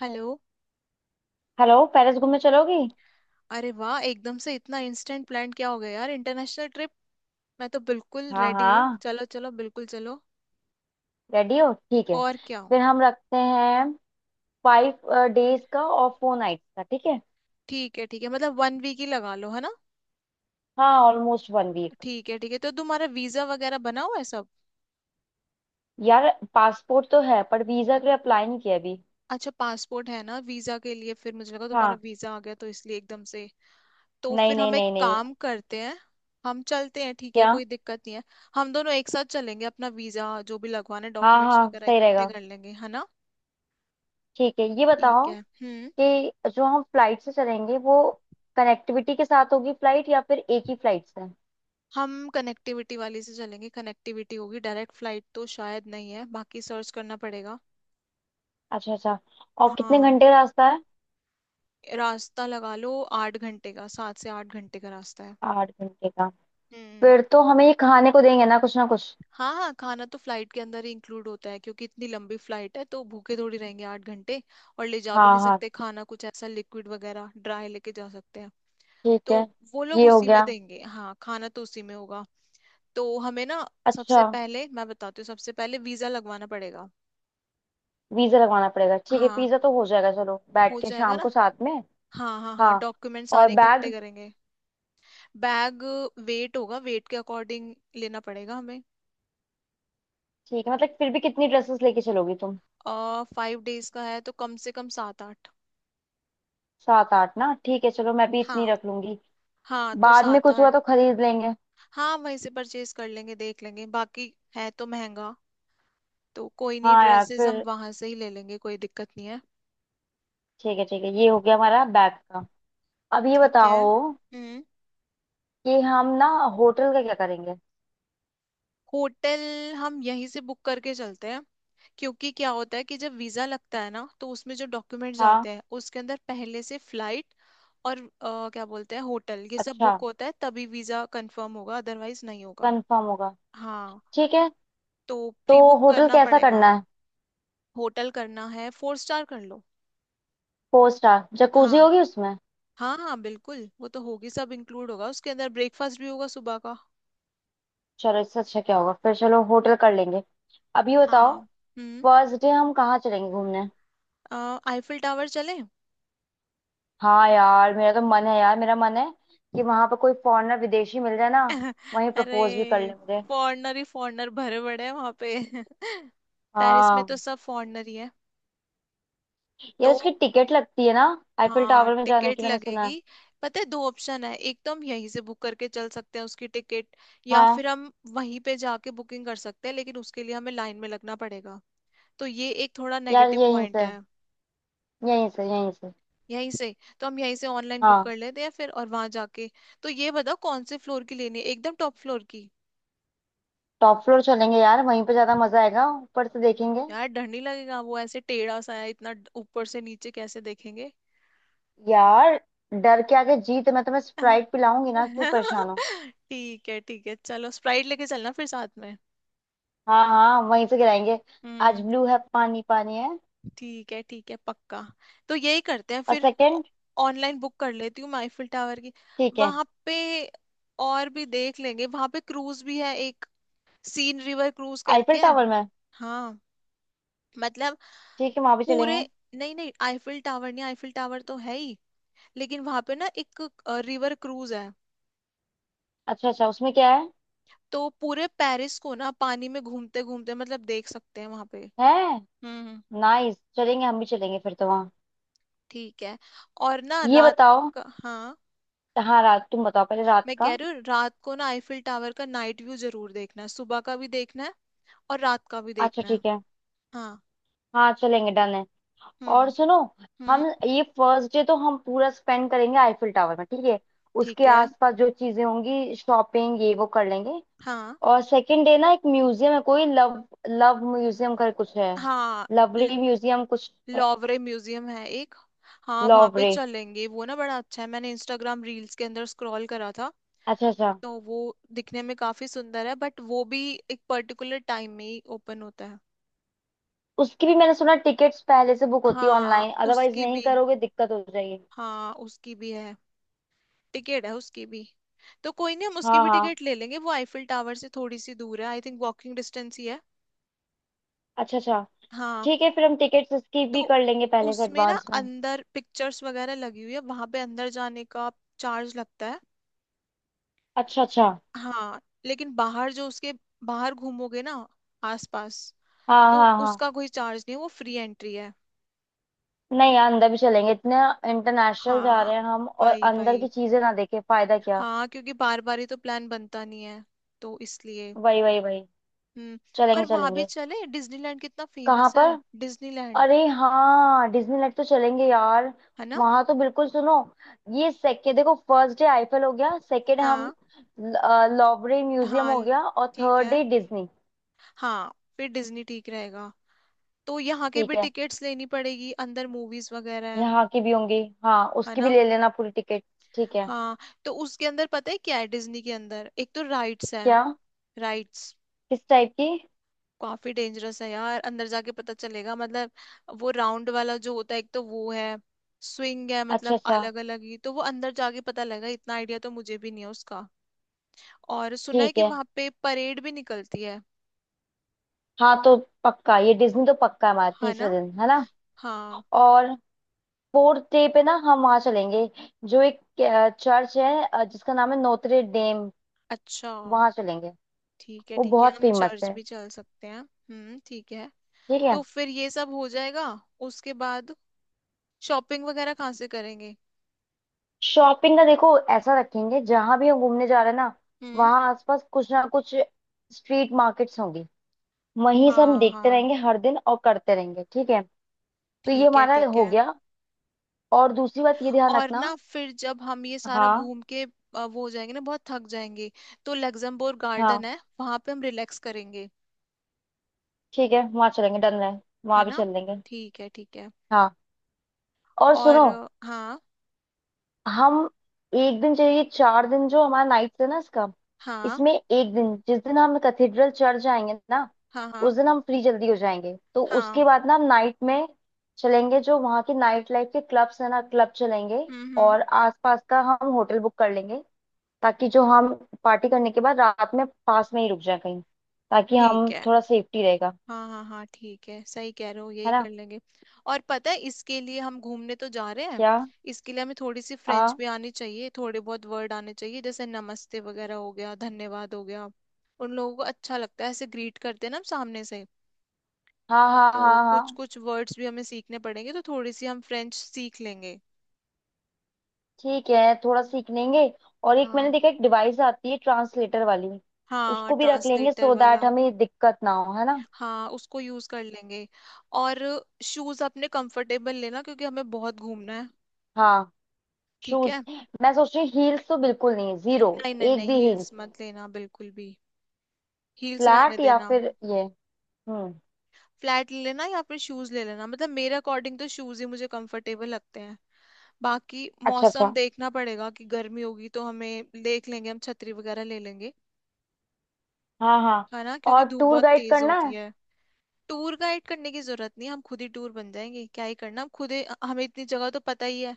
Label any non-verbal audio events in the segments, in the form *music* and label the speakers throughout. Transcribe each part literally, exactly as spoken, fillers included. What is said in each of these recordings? Speaker 1: Hello.
Speaker 2: Hello. Paris घूमने चलोगी?
Speaker 1: अरे वाह, एकदम से इतना इंस्टेंट प्लान क्या हो गया यार, इंटरनेशनल ट्रिप। मैं तो बिल्कुल
Speaker 2: हाँ
Speaker 1: रेडी हूँ,
Speaker 2: हाँ,
Speaker 1: चलो चलो बिल्कुल चलो।
Speaker 2: रेडी हो? ठीक है,
Speaker 1: और क्या हो।
Speaker 2: फिर हम रखते हैं फाइव डेज का और फोर नाइट्स का, ठीक है।
Speaker 1: ठीक है ठीक है, मतलब वन वीक ही लगा लो, है ना।
Speaker 2: हाँ, ऑलमोस्ट वन वीक।
Speaker 1: ठीक है ठीक है, तो तुम्हारा वीजा वगैरह बना हुआ है सब।
Speaker 2: यार, पासपोर्ट तो है पर वीजा के लिए अप्लाई नहीं किया अभी।
Speaker 1: अच्छा, पासपोर्ट है ना वीजा के लिए, फिर मुझे लगा तुम्हारा
Speaker 2: हाँ,
Speaker 1: वीजा आ गया तो इसलिए एकदम से। तो
Speaker 2: नहीं
Speaker 1: फिर
Speaker 2: नहीं
Speaker 1: हम एक
Speaker 2: नहीं नहीं।
Speaker 1: काम करते हैं, हम चलते हैं, ठीक है,
Speaker 2: क्या?
Speaker 1: कोई दिक्कत नहीं है। हम दोनों एक साथ चलेंगे, अपना वीजा जो भी लगवाना है,
Speaker 2: हाँ
Speaker 1: डॉक्यूमेंट्स
Speaker 2: हाँ,
Speaker 1: वगैरह
Speaker 2: सही
Speaker 1: इकट्ठे
Speaker 2: रहेगा।
Speaker 1: कर लेंगे, है ना।
Speaker 2: ठीक है, ये
Speaker 1: ठीक
Speaker 2: बताओ
Speaker 1: है। हम्म।
Speaker 2: कि जो हम फ्लाइट से चलेंगे वो कनेक्टिविटी के साथ होगी फ्लाइट या फिर एक ही फ्लाइट से?
Speaker 1: हम कनेक्टिविटी वाली से चलेंगे, कनेक्टिविटी होगी, डायरेक्ट फ्लाइट तो शायद नहीं है, बाकी सर्च करना पड़ेगा।
Speaker 2: अच्छा अच्छा, और कितने
Speaker 1: हाँ,
Speaker 2: घंटे का रास्ता है?
Speaker 1: रास्ता लगा लो आठ घंटे का, सात से आठ घंटे का रास्ता है।
Speaker 2: आठ घंटे का?
Speaker 1: हम्म।
Speaker 2: फिर तो हमें ये खाने को देंगे ना कुछ ना कुछ।
Speaker 1: हाँ हाँ, खाना तो फ्लाइट के अंदर ही इंक्लूड होता है, क्योंकि इतनी लंबी फ्लाइट है तो भूखे थोड़ी रहेंगे आठ घंटे। और ले जा भी
Speaker 2: हाँ
Speaker 1: नहीं
Speaker 2: हाँ,
Speaker 1: सकते खाना, कुछ ऐसा लिक्विड वगैरह ड्राई लेके जा सकते हैं।
Speaker 2: ठीक
Speaker 1: तो
Speaker 2: है,
Speaker 1: वो लोग
Speaker 2: ये हो
Speaker 1: उसी में
Speaker 2: गया।
Speaker 1: देंगे, हाँ, खाना तो उसी में होगा। तो हमें ना
Speaker 2: अच्छा,
Speaker 1: सबसे पहले, मैं बताती हूँ, सबसे पहले वीजा लगवाना पड़ेगा।
Speaker 2: वीजा लगवाना पड़ेगा, ठीक है,
Speaker 1: हाँ,
Speaker 2: पिज्जा तो हो जाएगा, चलो
Speaker 1: हो
Speaker 2: बैठ के
Speaker 1: जाएगा
Speaker 2: शाम
Speaker 1: ना।
Speaker 2: को साथ में।
Speaker 1: हाँ हाँ हाँ,
Speaker 2: हाँ,
Speaker 1: डॉक्यूमेंट
Speaker 2: और
Speaker 1: सारे इकट्ठे
Speaker 2: बैग?
Speaker 1: करेंगे। बैग वेट होगा, वेट के अकॉर्डिंग लेना पड़ेगा हमें।
Speaker 2: ठीक है, मतलब फिर भी कितनी ड्रेसेस लेके चलोगी तुम?
Speaker 1: और फाइव डेज का है तो कम से कम सात आठ।
Speaker 2: सात आठ ना, ठीक है, चलो मैं भी इतनी
Speaker 1: हाँ
Speaker 2: रख लूंगी।
Speaker 1: हाँ, तो
Speaker 2: बाद में
Speaker 1: सात
Speaker 2: कुछ
Speaker 1: आठ।
Speaker 2: हुआ तो खरीद लेंगे।
Speaker 1: हाँ, वहीं से परचेज कर लेंगे, देख लेंगे, बाकी है तो महंगा। तो कोई नहीं,
Speaker 2: हाँ यार,
Speaker 1: ड्रेसेस हम
Speaker 2: फिर
Speaker 1: वहां से ही ले लेंगे, कोई दिक्कत नहीं है।
Speaker 2: ठीक है ठीक है, ये हो गया हमारा बैग का। अब ये
Speaker 1: ठीक है।
Speaker 2: बताओ
Speaker 1: हम्म।
Speaker 2: कि हम ना होटल का क्या करेंगे?
Speaker 1: होटल हम यहीं से बुक करके चलते हैं, क्योंकि क्या होता है कि जब वीजा लगता है ना तो उसमें जो डॉक्यूमेंट्स
Speaker 2: हाँ,
Speaker 1: आते हैं उसके अंदर पहले से फ्लाइट और अ, क्या बोलते हैं होटल, ये सब
Speaker 2: अच्छा,
Speaker 1: बुक होता है तभी वीजा कंफर्म होगा, अदरवाइज नहीं होगा।
Speaker 2: कंफर्म होगा?
Speaker 1: हाँ।
Speaker 2: ठीक है,
Speaker 1: तो
Speaker 2: तो
Speaker 1: प्री बुक
Speaker 2: होटल
Speaker 1: करना
Speaker 2: कैसा
Speaker 1: पड़ेगा।
Speaker 2: करना है?
Speaker 1: होटल करना है, फोर स्टार कर लो।
Speaker 2: फोर स्टार, जकूजी
Speaker 1: हाँ
Speaker 2: होगी उसमें?
Speaker 1: हाँ हाँ, बिल्कुल वो तो होगी, सब इंक्लूड होगा उसके अंदर, ब्रेकफास्ट भी होगा सुबह का।
Speaker 2: चलो, इससे अच्छा क्या होगा, फिर चलो होटल कर लेंगे। अब ये बताओ,
Speaker 1: हाँ। हम्म।
Speaker 2: फर्स्ट डे हम कहाँ चलेंगे घूमने?
Speaker 1: अ, आईफिल टावर चले।
Speaker 2: हाँ यार, मेरा तो मन है, यार मेरा मन है कि वहां पर कोई फॉरेनर, विदेशी मिल जाए ना,
Speaker 1: *laughs*
Speaker 2: वहीं
Speaker 1: अरे,
Speaker 2: प्रपोज भी कर ले मुझे।
Speaker 1: फॉरनर ही फॉरनर भरे पड़े हैं वहां पे। *laughs* पेरिस में तो
Speaker 2: हाँ,
Speaker 1: सब फॉरनर ही है।
Speaker 2: यार
Speaker 1: तो
Speaker 2: उसकी टिकट लगती है ना आईफिल
Speaker 1: हाँ,
Speaker 2: टावर में जाने
Speaker 1: टिकट
Speaker 2: की, मैंने सुना है।
Speaker 1: लगेगी। पता है, दो ऑप्शन है, एक तो हम यहीं से बुक करके चल सकते हैं उसकी टिकट, या
Speaker 2: हाँ
Speaker 1: फिर हम वहीं पे जाके बुकिंग कर सकते हैं, लेकिन उसके लिए हमें लाइन में लगना पड़ेगा। तो ये एक थोड़ा
Speaker 2: यार,
Speaker 1: नेगेटिव
Speaker 2: यहीं
Speaker 1: पॉइंट
Speaker 2: से,
Speaker 1: है।
Speaker 2: यहीं से यहीं से।
Speaker 1: यहीं से, तो हम यहीं से ऑनलाइन बुक
Speaker 2: हाँ,
Speaker 1: कर लेते हैं फिर, और वहां जाके। तो ये बताओ कौन से फ्लोर की लेनी है, एकदम टॉप फ्लोर की।
Speaker 2: टॉप फ्लोर चलेंगे यार, वहीं पे ज्यादा मजा आएगा, ऊपर से देखेंगे।
Speaker 1: यार डर नहीं लगेगा, वो ऐसे टेढ़ा सा है, इतना ड- ऊपर से नीचे कैसे देखेंगे।
Speaker 2: यार, डर के आगे जीत, मैं तुम्हें स्प्राइट
Speaker 1: *laughs*
Speaker 2: पिलाऊंगी ना, क्यों परेशान हो।
Speaker 1: ठीक है ठीक है, चलो स्प्राइट लेके चलना फिर साथ में।
Speaker 2: हाँ हाँ, वहीं से गिराएंगे। आज
Speaker 1: हम्म।
Speaker 2: ब्लू है, पानी पानी है।
Speaker 1: ठीक है ठीक है, पक्का, तो यही करते हैं
Speaker 2: और
Speaker 1: फिर।
Speaker 2: सेकंड,
Speaker 1: ऑनलाइन बुक कर लेती हूँ मैं आईफिल टावर की।
Speaker 2: ठीक है,
Speaker 1: वहां पे और भी देख लेंगे, वहां पे क्रूज भी है एक, सीन रिवर क्रूज
Speaker 2: आईफिल
Speaker 1: करके है।
Speaker 2: टावर में?
Speaker 1: हाँ, मतलब
Speaker 2: ठीक है, वहां भी
Speaker 1: पूरे,
Speaker 2: चलेंगे।
Speaker 1: नहीं नहीं आईफिल टावर नहीं, आईफिल टावर तो है ही, लेकिन वहां पे ना एक रिवर क्रूज है।
Speaker 2: अच्छा अच्छा, उसमें क्या है?
Speaker 1: तो पूरे पेरिस को ना पानी में घूमते घूमते मतलब देख सकते हैं वहां पे।
Speaker 2: है?
Speaker 1: हम्म।
Speaker 2: नाइस, चलेंगे, हम भी चलेंगे फिर तो वहाँ।
Speaker 1: ठीक है, और ना
Speaker 2: ये
Speaker 1: रात
Speaker 2: बताओ,
Speaker 1: का, हाँ,
Speaker 2: हाँ रात तुम बताओ पहले, रात
Speaker 1: मैं कह
Speaker 2: का।
Speaker 1: रही हूँ रात को ना आईफिल टावर का नाइट व्यू जरूर देखना है, सुबह का भी देखना है और रात का भी
Speaker 2: अच्छा,
Speaker 1: देखना है।
Speaker 2: ठीक है,
Speaker 1: हाँ।
Speaker 2: हाँ चलेंगे, डन है। और
Speaker 1: हम्म।
Speaker 2: सुनो,
Speaker 1: हम्म।
Speaker 2: हम ये फर्स्ट डे तो हम पूरा स्पेंड करेंगे आईफिल टावर में, ठीक है। उसके
Speaker 1: ठीक है।
Speaker 2: आसपास जो चीजें होंगी शॉपिंग ये वो कर लेंगे।
Speaker 1: हाँ
Speaker 2: और सेकंड डे ना एक म्यूजियम है, कोई लव लव म्यूजियम कर कुछ है,
Speaker 1: हाँ,
Speaker 2: लवली
Speaker 1: ल-
Speaker 2: म्यूजियम कुछ,
Speaker 1: लॉवरे म्यूजियम है एक। हाँ वहाँ पे
Speaker 2: लवरे।
Speaker 1: चलेंगे, वो ना बड़ा अच्छा है, मैंने इंस्टाग्राम रील्स के अंदर स्क्रॉल करा था।
Speaker 2: अच्छा अच्छा।
Speaker 1: तो वो दिखने में काफी सुंदर है, बट वो भी एक पर्टिकुलर टाइम में ही ओपन होता है।
Speaker 2: उसकी भी मैंने सुना टिकट्स पहले से बुक होती है
Speaker 1: हाँ
Speaker 2: ऑनलाइन, अदरवाइज
Speaker 1: उसकी
Speaker 2: नहीं
Speaker 1: भी,
Speaker 2: करोगे दिक्कत हो जाएगी।
Speaker 1: हाँ उसकी भी है, टिकट है उसकी भी। तो कोई नहीं, हम उसकी
Speaker 2: हाँ
Speaker 1: भी
Speaker 2: हाँ,
Speaker 1: टिकट ले लेंगे, वो आईफिल टावर से थोड़ी सी दूर है, आई थिंक वॉकिंग डिस्टेंस ही है।
Speaker 2: अच्छा अच्छा।
Speaker 1: हाँ।
Speaker 2: ठीक है, फिर हम टिकट्स इसकी भी
Speaker 1: तो
Speaker 2: कर लेंगे पहले से
Speaker 1: उसमें ना
Speaker 2: एडवांस में।
Speaker 1: अंदर पिक्चर्स वगैरह लगी हुई है, वहां पे अंदर जाने का चार्ज लगता है।
Speaker 2: अच्छा अच्छा,
Speaker 1: हाँ, लेकिन बाहर जो उसके, बाहर घूमोगे ना आसपास,
Speaker 2: हाँ
Speaker 1: तो
Speaker 2: हाँ हाँ।
Speaker 1: उसका कोई चार्ज नहीं है, वो फ्री एंट्री है।
Speaker 2: नहीं यार, अंदर भी चलेंगे, इतने इंटरनेशनल जा
Speaker 1: हाँ।
Speaker 2: रहे हैं हम और
Speaker 1: वही
Speaker 2: अंदर
Speaker 1: वही,
Speaker 2: की चीजें ना देखे, फायदा क्या।
Speaker 1: हाँ क्योंकि बार बार ही तो प्लान बनता नहीं है, तो इसलिए।
Speaker 2: वही वही वही,
Speaker 1: हम्म।
Speaker 2: चलेंगे
Speaker 1: और वहां भी
Speaker 2: चलेंगे।
Speaker 1: चले, डिज्नीलैंड कितना
Speaker 2: कहाँ
Speaker 1: फेमस
Speaker 2: पर?
Speaker 1: है। डिज्नीलैंड।
Speaker 2: अरे हाँ, डिज्नीलैंड तो चलेंगे यार,
Speaker 1: है ना।
Speaker 2: वहां तो बिल्कुल, सुनो, ये सेकेंड, देखो फर्स्ट डे आईफल हो गया, सेकेंड हम
Speaker 1: हाँ
Speaker 2: लॉवरे म्यूजियम
Speaker 1: हाँ।
Speaker 2: हो
Speaker 1: ल-
Speaker 2: गया, और
Speaker 1: ठीक
Speaker 2: थर्ड
Speaker 1: है।
Speaker 2: Day Disney.
Speaker 1: हाँ फिर डिज्नी ठीक रहेगा। तो यहाँ के
Speaker 2: ठीक
Speaker 1: भी
Speaker 2: है,
Speaker 1: टिकट्स लेनी पड़ेगी, अंदर मूवीज वगैरह है।
Speaker 2: यहाँ की भी होंगी, हाँ
Speaker 1: है
Speaker 2: उसकी भी
Speaker 1: ना।
Speaker 2: ले लेना पूरी टिकट। ठीक है।
Speaker 1: हाँ। तो उसके अंदर पता है क्या है, डिज्नी के अंदर एक तो राइड्स है।
Speaker 2: क्या?
Speaker 1: राइड्स।
Speaker 2: किस टाइप की?
Speaker 1: काफी डेंजरस है यार, अंदर जाके पता चलेगा, मतलब वो राउंड वाला जो होता है एक, तो वो है, स्विंग है,
Speaker 2: अच्छा
Speaker 1: मतलब
Speaker 2: अच्छा,
Speaker 1: अलग अलग, ही तो वो अंदर जाके पता लगेगा, इतना आइडिया तो मुझे भी नहीं है उसका। और सुना है
Speaker 2: ठीक
Speaker 1: कि
Speaker 2: है,
Speaker 1: वहां पे परेड भी निकलती है।
Speaker 2: हाँ तो पक्का, ये डिज्नी तो पक्का है, हमारा
Speaker 1: है
Speaker 2: तीसरा
Speaker 1: ना।
Speaker 2: दिन है ना।
Speaker 1: हाँ।
Speaker 2: और फोर्थ डे पे ना हम वहाँ चलेंगे जो एक चर्च है अ, जिसका नाम है नोत्रे डेम,
Speaker 1: अच्छा,
Speaker 2: वहां चलेंगे,
Speaker 1: ठीक है
Speaker 2: वो
Speaker 1: ठीक है,
Speaker 2: बहुत
Speaker 1: हम
Speaker 2: फेमस
Speaker 1: चर्च
Speaker 2: है।
Speaker 1: भी चल सकते हैं, हम्म, ठीक है।
Speaker 2: ठीक
Speaker 1: तो
Speaker 2: है,
Speaker 1: फिर ये सब हो जाएगा, उसके बाद शॉपिंग वगैरह कहाँ से करेंगे।
Speaker 2: शॉपिंग का देखो ऐसा रखेंगे, जहां भी हम घूमने जा रहे हैं ना
Speaker 1: हम्म।
Speaker 2: वहां आसपास कुछ ना कुछ स्ट्रीट मार्केट्स होंगी, वहीं से हम
Speaker 1: हाँ
Speaker 2: देखते
Speaker 1: हाँ,
Speaker 2: रहेंगे हर दिन और करते रहेंगे, ठीक है। तो ये
Speaker 1: ठीक है
Speaker 2: हमारा
Speaker 1: ठीक
Speaker 2: हो
Speaker 1: है।
Speaker 2: गया, और दूसरी बात ये ध्यान
Speaker 1: और
Speaker 2: रखना।
Speaker 1: ना फिर जब हम ये सारा
Speaker 2: हाँ
Speaker 1: घूम के अ, वो हो जाएंगे ना, बहुत थक जाएंगे, तो लग्जमबर्ग
Speaker 2: हाँ,
Speaker 1: गार्डन है वहां पे, हम रिलैक्स करेंगे।
Speaker 2: ठीक है, वहां चलेंगे, डन है,
Speaker 1: है
Speaker 2: वहां भी
Speaker 1: ना।
Speaker 2: चल लेंगे।
Speaker 1: ठीक है ठीक है।
Speaker 2: हाँ और
Speaker 1: और
Speaker 2: सुनो,
Speaker 1: अ, हाँ।
Speaker 2: हम एक दिन चाहिए, चार दिन जो हमारा नाइट है ना इसका,
Speaker 1: हाँ
Speaker 2: इसमें एक दिन जिस दिन हम कैथेड्रल चर्च जाएंगे ना,
Speaker 1: हाँ
Speaker 2: उस
Speaker 1: हाँ।
Speaker 2: दिन हम फ्री जल्दी हो जाएंगे तो उसके
Speaker 1: हाँ।
Speaker 2: बाद ना हम नाइट में चलेंगे, जो वहाँ के नाइट लाइफ के क्लब्स है ना, क्लब चलेंगे।
Speaker 1: हम्म। हम्म।
Speaker 2: और आसपास का हम होटल बुक कर लेंगे ताकि जो हम पार्टी करने के बाद रात में पास में ही रुक जाए कहीं, ताकि
Speaker 1: ठीक
Speaker 2: हम
Speaker 1: है।
Speaker 2: थोड़ा सेफ्टी रहेगा,
Speaker 1: हाँ हाँ हाँ, ठीक है, सही कह रहे हो, यही
Speaker 2: है ना।
Speaker 1: कर लेंगे। और पता है, इसके लिए, हम घूमने तो जा रहे हैं,
Speaker 2: क्या?
Speaker 1: इसके लिए हमें थोड़ी सी फ्रेंच
Speaker 2: हाँ
Speaker 1: भी आनी चाहिए, थोड़े बहुत वर्ड आने चाहिए, जैसे नमस्ते वगैरह हो गया, धन्यवाद हो गया, उन लोगों को अच्छा लगता है ऐसे ग्रीट करते हैं ना हम सामने से।
Speaker 2: हाँ हाँ
Speaker 1: तो
Speaker 2: हाँ
Speaker 1: कुछ
Speaker 2: हाँ।
Speaker 1: कुछ वर्ड्स भी हमें सीखने पड़ेंगे, तो थोड़ी सी हम फ्रेंच सीख लेंगे।
Speaker 2: ठीक है, थोड़ा सीख लेंगे। और एक मैंने
Speaker 1: हाँ।
Speaker 2: देखा एक डिवाइस आती है ट्रांसलेटर वाली,
Speaker 1: हाँ
Speaker 2: उसको भी रख लेंगे,
Speaker 1: ट्रांसलेटर
Speaker 2: सो
Speaker 1: वाला।
Speaker 2: दैट हमें दिक्कत ना हो, है ना।
Speaker 1: हाँ, उसको यूज कर लेंगे। और शूज अपने कंफर्टेबल लेना, क्योंकि हमें बहुत घूमना है।
Speaker 2: हाँ,
Speaker 1: ठीक
Speaker 2: शूज।
Speaker 1: है।
Speaker 2: मैं सोच रही हूँ हील्स तो बिल्कुल नहीं है, जीरो,
Speaker 1: नहीं नहीं
Speaker 2: एक
Speaker 1: नहीं,
Speaker 2: भी हील्स।
Speaker 1: हील्स मत लेना बिल्कुल भी। हील्स रहने
Speaker 2: फ्लैट या
Speaker 1: देना।
Speaker 2: फिर ये, हम्म,
Speaker 1: फ्लैट ले लेना या फिर शूज ले लेना, मतलब मेरे अकॉर्डिंग तो शूज ही मुझे कंफर्टेबल लगते हैं। बाकी
Speaker 2: अच्छा अच्छा,
Speaker 1: मौसम देखना पड़ेगा, कि गर्मी होगी तो हमें देख लेंगे, हम छतरी वगैरह ले लेंगे।
Speaker 2: हाँ हाँ।
Speaker 1: है ना, क्योंकि
Speaker 2: और
Speaker 1: धूप
Speaker 2: टूर
Speaker 1: बहुत
Speaker 2: गाइड
Speaker 1: तेज
Speaker 2: करना
Speaker 1: होती
Speaker 2: है?
Speaker 1: है। टूर गाइड करने की जरूरत नहीं, हम खुद ही टूर बन जाएंगे, क्या ही करना, हम खुद ही, हमें इतनी जगह तो पता ही है।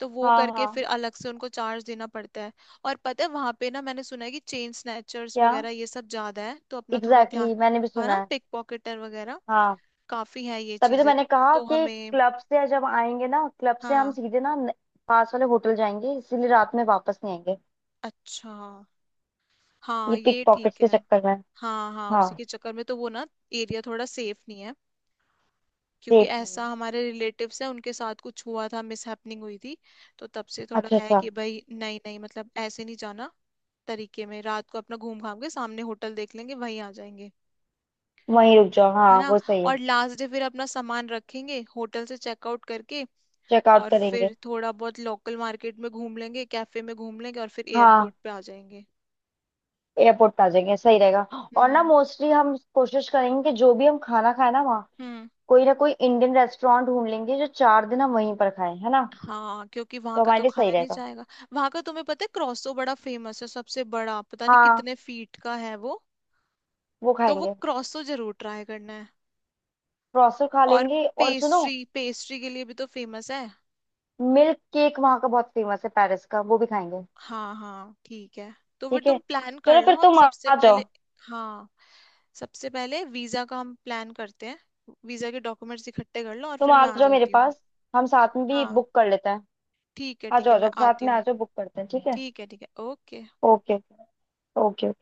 Speaker 1: तो वो
Speaker 2: हाँ
Speaker 1: करके
Speaker 2: हाँ।
Speaker 1: फिर अलग से उनको चार्ज देना पड़ता है। और पता है वहां पे ना, मैंने सुना है कि चेन स्नैचर्स
Speaker 2: क्या?
Speaker 1: वगैरह ये सब ज्यादा है, तो अपना थोड़ा
Speaker 2: एग्जैक्टली
Speaker 1: ध्यान।
Speaker 2: exactly, मैंने भी
Speaker 1: है
Speaker 2: सुना
Speaker 1: ना,
Speaker 2: है।
Speaker 1: पिक पॉकेटर वगैरह
Speaker 2: हाँ,
Speaker 1: काफी है ये
Speaker 2: तभी तो
Speaker 1: चीजें।
Speaker 2: मैंने कहा
Speaker 1: तो
Speaker 2: कि
Speaker 1: हमें,
Speaker 2: क्लब से जब आएंगे ना, क्लब से हम
Speaker 1: हाँ,
Speaker 2: सीधे ना न- पास वाले होटल जाएंगे, इसीलिए रात में वापस नहीं आएंगे,
Speaker 1: अच्छा, हाँ
Speaker 2: ये पिक
Speaker 1: ये
Speaker 2: पॉकेट
Speaker 1: ठीक
Speaker 2: के
Speaker 1: है।
Speaker 2: चक्कर में।
Speaker 1: हाँ हाँ,
Speaker 2: हाँ,
Speaker 1: उसी के चक्कर में तो वो ना एरिया थोड़ा सेफ नहीं है। क्योंकि
Speaker 2: सेफ नहीं
Speaker 1: ऐसा
Speaker 2: है?
Speaker 1: हमारे रिलेटिव्स हैं, उनके साथ कुछ हुआ था, मिसहैपनिंग हुई थी, तो तब से थोड़ा
Speaker 2: अच्छा
Speaker 1: है
Speaker 2: अच्छा,
Speaker 1: कि भाई नहीं नहीं, मतलब ऐसे नहीं जाना तरीके में। रात को अपना घूम घाम के सामने होटल देख लेंगे, वहीं आ जाएंगे।
Speaker 2: वहीं रुक जाओ,
Speaker 1: है
Speaker 2: हाँ
Speaker 1: ना।
Speaker 2: वो सही है।
Speaker 1: और लास्ट डे फिर अपना सामान रखेंगे होटल से चेकआउट करके,
Speaker 2: चेकआउट
Speaker 1: और
Speaker 2: करेंगे।
Speaker 1: फिर थोड़ा बहुत लोकल मार्केट में घूम लेंगे, कैफे में घूम लेंगे, और फिर एयरपोर्ट
Speaker 2: हाँ,
Speaker 1: पे आ जाएंगे।
Speaker 2: एयरपोर्ट पे आ जाएंगे, सही रहेगा। और ना
Speaker 1: हम्म।
Speaker 2: मोस्टली हम कोशिश करेंगे कि जो भी हम खाना खाए ना वहाँ,
Speaker 1: हम्म।
Speaker 2: कोई ना कोई इंडियन रेस्टोरेंट ढूंढ लेंगे, जो चार दिन हम वहीं पर खाएं, है ना।
Speaker 1: हाँ, क्योंकि वहां
Speaker 2: तो
Speaker 1: का
Speaker 2: हमारे
Speaker 1: तो
Speaker 2: लिए सही
Speaker 1: खाया नहीं
Speaker 2: रहेगा।
Speaker 1: जाएगा। वहां का, तुम्हें पता है क्रॉसो बड़ा फेमस है, सबसे बड़ा, पता नहीं
Speaker 2: हाँ,
Speaker 1: कितने फीट का है वो।
Speaker 2: वो
Speaker 1: तो वो
Speaker 2: खाएंगे,
Speaker 1: क्रॉसो जरूर ट्राई करना है।
Speaker 2: प्रोसो खा
Speaker 1: और
Speaker 2: लेंगे। और सुनो,
Speaker 1: पेस्ट्री, पेस्ट्री के लिए भी तो फेमस है।
Speaker 2: मिल्क केक वहाँ का बहुत फेमस है पेरिस का, वो भी खाएंगे।
Speaker 1: हाँ हाँ ठीक है। तो फिर
Speaker 2: ठीक है,
Speaker 1: तुम प्लान कर
Speaker 2: चलो,
Speaker 1: लो,
Speaker 2: फिर
Speaker 1: हम
Speaker 2: तुम आ
Speaker 1: सबसे
Speaker 2: आ जाओ,
Speaker 1: पहले, हाँ, सबसे पहले वीजा का हम प्लान करते हैं। वीजा के डॉक्यूमेंट्स इकट्ठे कर लो और
Speaker 2: तुम
Speaker 1: फिर
Speaker 2: आ
Speaker 1: मैं आ
Speaker 2: जाओ मेरे
Speaker 1: जाती हूँ।
Speaker 2: पास, हम साथ में भी
Speaker 1: हाँ
Speaker 2: बुक कर लेते हैं।
Speaker 1: ठीक है
Speaker 2: आ
Speaker 1: ठीक
Speaker 2: जाओ
Speaker 1: है,
Speaker 2: आ
Speaker 1: मैं
Speaker 2: जाओ, साथ
Speaker 1: आती
Speaker 2: में आ
Speaker 1: हूँ।
Speaker 2: जाओ, बुक करते हैं, ठीक है।
Speaker 1: ठीक है ठीक है, ओके।
Speaker 2: Okay, okay.